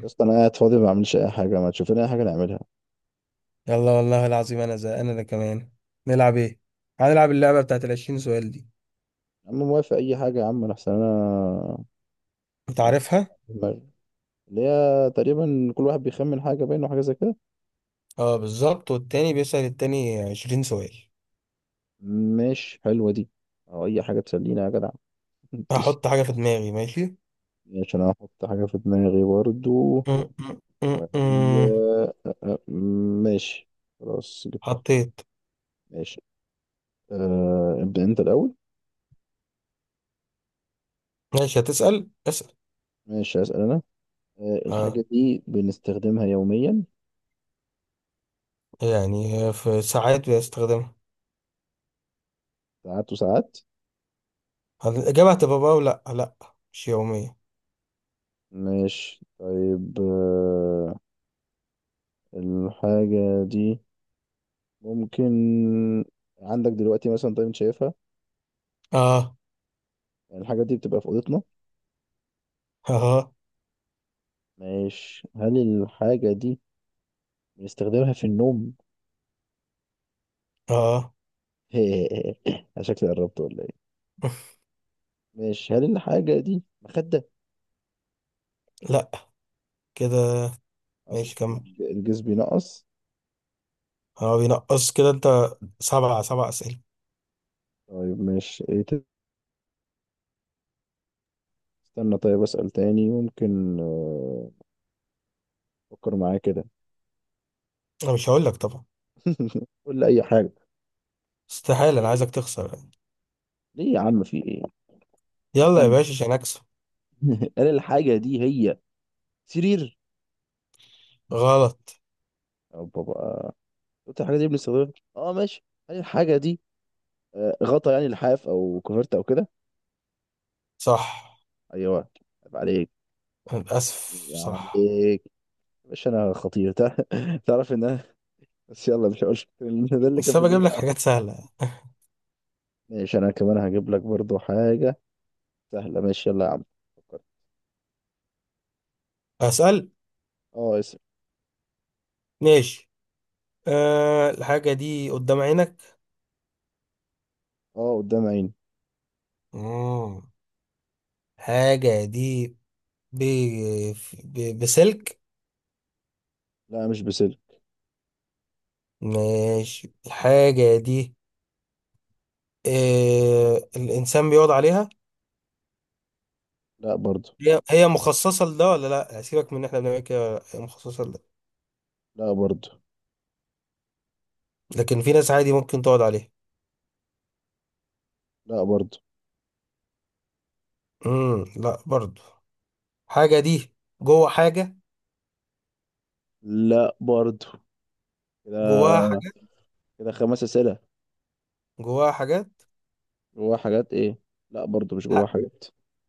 يا اسطى انا قاعد فاضي ما بعملش اي حاجه، ما تشوف لنا اي حاجه نعملها. يلا، والله العظيم، انا زهقان انا كمان. نلعب ايه؟ هنلعب اللعبه بتاعت الـ20 سؤال دي. يا عم موافق اي حاجه يا عم، انا احسن انا انت ما عارفها؟ في دماغي اللي هي تقريبا كل واحد بيخمن حاجه باينه وحاجه زي كده. اه، بالظبط، والتاني بيسأل التاني 20 سؤال. ماشي حلوه دي، او اي حاجه تسلينا يا جدع. هحط حاجه في دماغي، ماشي. ماشي، انا هحط حاجه في دماغي برضو م- م- م- وهي. م. ماشي خلاص جبتها. حطيت. ماشي، ابدا انت الاول. ماشي، هتسأل، اسأل. ماشي هسأل انا. اه، الحاجه دي بنستخدمها يوميا؟ يعني هي في ساعات بستخدمها. ساعات وساعات. هل الاجابه هتبقى بقى ولا لا؟ مش يوميه. ماشي طيب، الحاجة دي ممكن عندك دلوقتي مثلا؟ طيب انت شايفها. اه، يعني الحاجة دي بتبقى في أوضتنا. اه، ماشي، هل الحاجة دي بنستخدمها في النوم؟ اه. أنا شكلي قربت ولا ايه؟ ماشي، هل الحاجة دي مخدة؟ لا، كده. أصح. ماشي، كمل. الجزء بينقص. اه، بينقص كده انت. سبعة سبعة أسئلة. طيب ماشي ايه، استنى طيب أسأل تاني. ممكن أفكر معايا كده. أنا مش هقول لك طبعا. قول لي أي حاجة. استحالة، أنا عايزك تخسر يعني. ليه يا عم؟ في ايه؟ طب يلا يا استنى. باشا، عشان أكسب. هل الحاجة دي هي سرير؟ غلط. أو بابا؟ قلت الحاجه دي بنستخدمها ماشي، هل الحاجه دي غطا؟ يعني لحاف او كوفرت او كده. صح. ايوه. عيب عليك. أنا للأسف عيب صح. عليك يا باشا، انا خطير. تعرف ان انا بس يلا مش هقول. ده اللي كان بس في أنا بجيب دماغي لك على حاجات فكرة. سهلة. ماشي، انا كمان هجيب لك برضو حاجه سهله. ماشي يلا يا عم، فكر. أسأل. اه، اسم. ماشي. أه، الحاجة دي قدام عينك. اه، قدام عيني. مم. الحاجة دي ب... بسلك. لا، مش بسلك. ماشي، الحاجة دي أه، الإنسان بيقعد عليها؟ لا برضو. هي هي مخصصة لده ولا لأ؟ سيبك من إن إحنا بنعمل كده، هي مخصصة لده؟ لا برضو. لكن في ناس عادي ممكن تقعد عليها؟ لا برضو. لا برضو. حاجة دي جوه حاجة؟ لا برضو جواها اه كده. حاجات؟ كده خمس اسئله. جواها حاجات. جواها حاجات ايه؟ لا برضو، مش جواها حق. حاجات.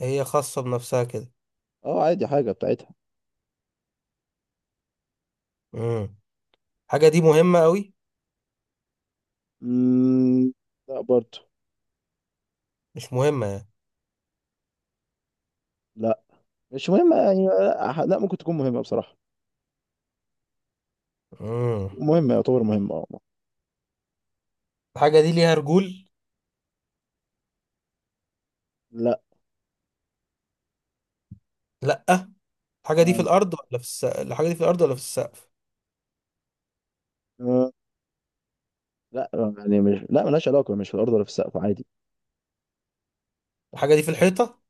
هي خاصة بنفسها كده؟ اه عادي، حاجه بتاعتها. امم حاجة دي مهمة قوي؟ مم، لا برضه. مش مهمة يعني؟ لا، مش مهمة يعني، لا لا، ممكن تكون مهمة بصراحة. امم مهمة، يعتبر مهمة اه. الحاجة دي ليها رجول؟ لا. لأ. الحاجة دي في لا الأرض ولا في السقف؟ الحاجة دي في الأرض ولا في السقف؟ آه، لا يعني، مش لا ملهاش علاقة، مش في الأرض ولا في السقف عادي. الحاجة دي في الحيطة؟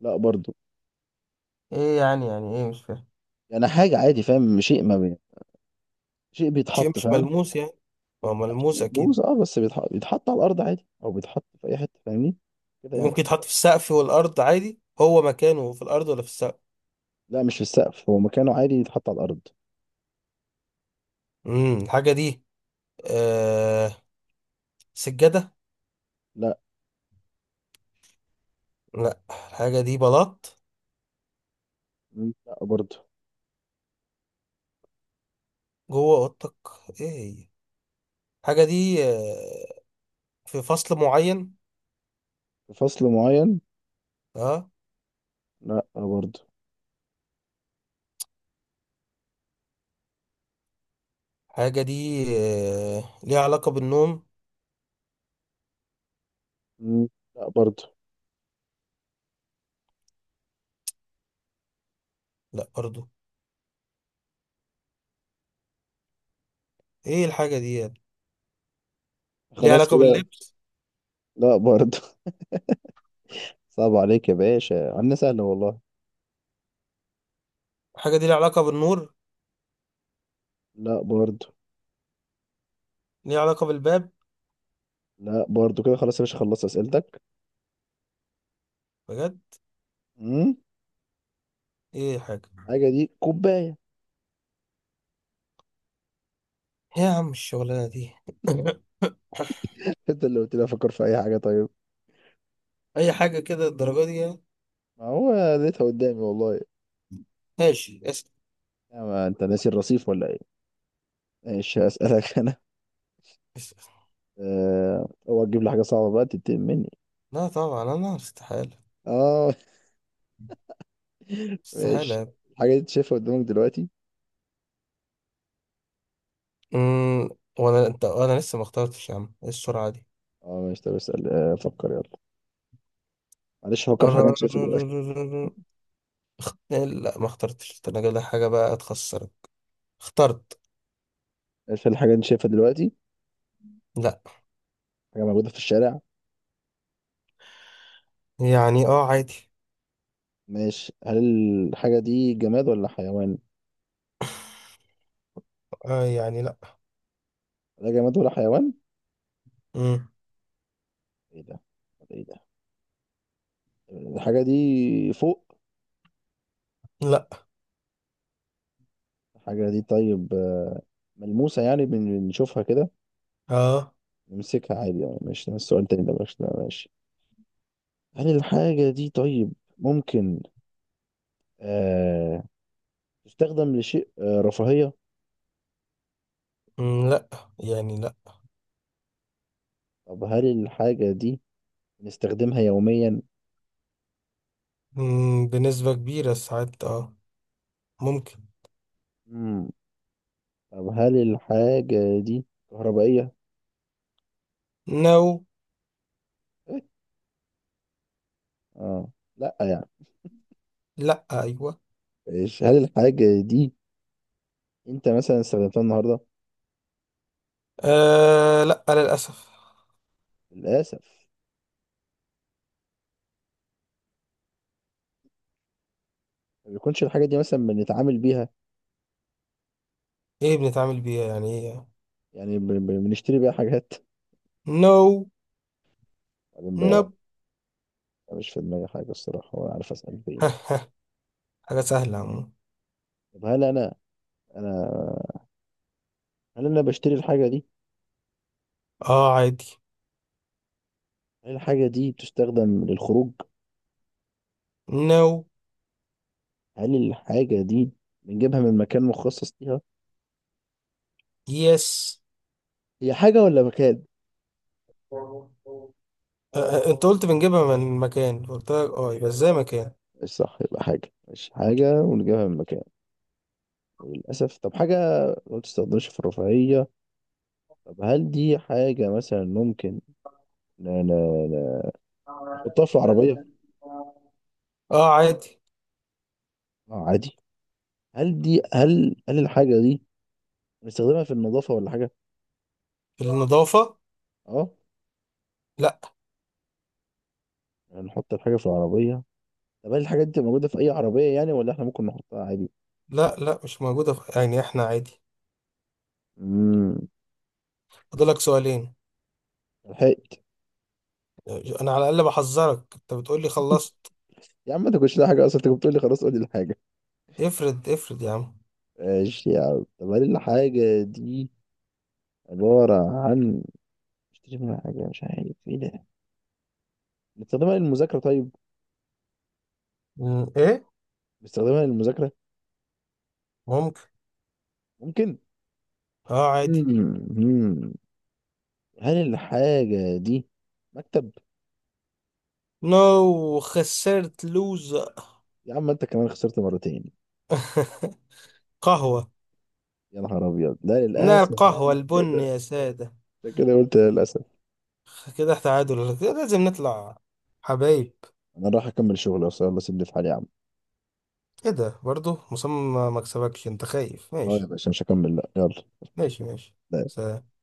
لا برضه. ايه يعني، يعني ايه، مش فاهم. يعني حاجة عادي، فاهم؟ شيء ما بي... شيء شيء بيتحط، مش فاهم؟ ملموس يعني؟ هو ملموس أكيد؟ بوز اه بس بيتحط على الأرض عادي، أو بيتحط في أي حتة، فاهمني؟ كده يعني. ممكن يتحط في السقف والأرض عادي، هو مكانه في الأرض ولا في السقف؟ لا، مش في السقف، هو مكانه عادي يتحط على الأرض. الحاجة دي آه... سجادة؟ لا. لأ، الحاجة دي بلاط؟ مم، لا برضه. جوه اوضتك؟ ايه؟ هي. حاجه دي في فصل معين؟ في فصل معين؟ اه. لا برضه. حاجه دي ليها علاقه بالنوم؟ مم، لا برضه. لا برضو. ايه الحاجه دي يعني؟ ليها خلاص علاقه كده. باللبس؟ لا برضه. صعب عليك يا باشا، عندنا سهلة والله. حاجه دي ليها علاقه بالنور؟ لا برضو. ليها علاقه بالباب؟ لا برضو كده، خلاص يا باشا خلصت أسئلتك. بجد؟ امم. ايه حاجه. حاجة دي كوباية. إيه يا عم الشغلانه دي؟ انت اللي قلت لي افكر في اي حاجة طيب. اي حاجه كده الدرجه دي يعني؟ ما هو لقيتها قدامي والله. ماشي، اسال. يا ما انت ناسي الرصيف ولا ايه. ماشي هسألك انا. اسال. اوعى تجيب لي حاجة صعبة بقى تتقل مني. لا طبعا، انا استحاله. اه. استحاله ماشي، يعني. الحاجة دي انت شايفها قدامك دلوقتي؟ امم وانا انت انا لسه ما اخترتش، يا عم ايه السرعه اه ماشي، طب اسأل. فكر يلا. معلش، فكر في حاجة انت شايفها دلوقتي. دي؟ لا ما اخترتش التلاجة، ده انا جايب لك حاجة بقى تخسرك. اخترت. ماشي، هل الحاجة دي انت شايفها دلوقتي؟ لا. حاجة موجودة في الشارع. يعني اه، عادي. ماشي، هل الحاجة دي جماد ولا حيوان؟ آه يعني لا. لا جماد ولا حيوان. مم. ايه ده؟ طب ايه ده؟ الحاجة دي فوق؟ لا. الحاجة دي طيب ملموسة يعني، بنشوفها كده، اه. نمسكها عادي يعني. ماشي ده السؤال التاني، ده ماشي. هل الحاجة دي طيب ممكن آه تستخدم لشيء رفاهية؟ لا يعني لا. طب هل الحاجة دي بنستخدمها يوميا؟ بنسبة كبيرة ساعات اه. ممكن. مم. طب هل الحاجة دي كهربائية؟ نو. إيه؟ اه، لا يعني. لا، ايوه. إيش؟ هل الحاجة دي انت مثلا استخدمتها النهاردة؟ آه، لا للأسف. للأسف. ما بيكونش الحاجة دي مثلا بنتعامل بيها؟ ايه بنتعامل بيها يعني، ايه يعني؟ يعني بنشتري بيها حاجات؟ نو. بعدين بقى. نب. مش في دماغي حاجة الصراحة، ولا عارف أسأل فين. حاجة سهلة عمو. طب هل أنا، أنا هل أنا بشتري الحاجة دي؟ اه، عادي. هل الحاجة دي بتستخدم للخروج؟ نو. هل الحاجة دي بنجيبها من مكان مخصص ليها؟ يس. هي حاجة ولا مكان؟ آه. انت قلت بنجيبها من مكان، قلت لك اه، يبقى ازاي مكان؟ مش صح، يبقى حاجة، مش حاجة ونجيبها من مكان وللأسف. طب حاجة ما بتستخدمش في الرفاهية. طب هل دي حاجة مثلا ممكن ن- ن- ن- نحطها في العربية؟ اه، عادي. اه عادي. هل دي هل هل الحاجة دي بنستخدمها في النظافة ولا حاجة؟ النظافة؟ اه، لا. يعني نحط الحاجة في العربية. طب هل الحاجات دي موجودة في أي عربية يعني، ولا احنا ممكن نحطها عادي؟ لا لا مش موجودة في يعني، احنا عادي. امم. فاضلك سؤالين. لحقت. انا على الاقل بحذرك، انت بتقول لي خلصت. يا عم ما تاكلش لا حاجة أصلا، أنت كنت بتقول لي خلاص قول لي الحاجة. افرض افرض يا عم. ماشي يا عم، طب هل الحاجة دي عبارة عن اشتري منها حاجة؟ مش عارف ايه ده. بنستخدمها للمذاكرة؟ طيب. ايه. بنستخدمها للمذاكرة. ممكن. ممكن. اه، عادي. امم. هل الحاجة دي مكتب؟ نو خسرت لوز. يا عم أنت كمان خسرت مرتين. قهوة. يا نهار أبيض، لا نار، للأسف القهوة عشان البن كده. يا سادة. عشان كده قلت للأسف. كده تعادل، كده لازم نطلع. حبايب. انا راح اكمل شغل اصلا، يلا سيبني في حالي يا عم. ايه ده برضو؟ مصمم ما مكسبكش، انت خايف؟ اه يا ماشي. باشا، مش هكمل، لا يلا. ماشي، ماشي. سلام.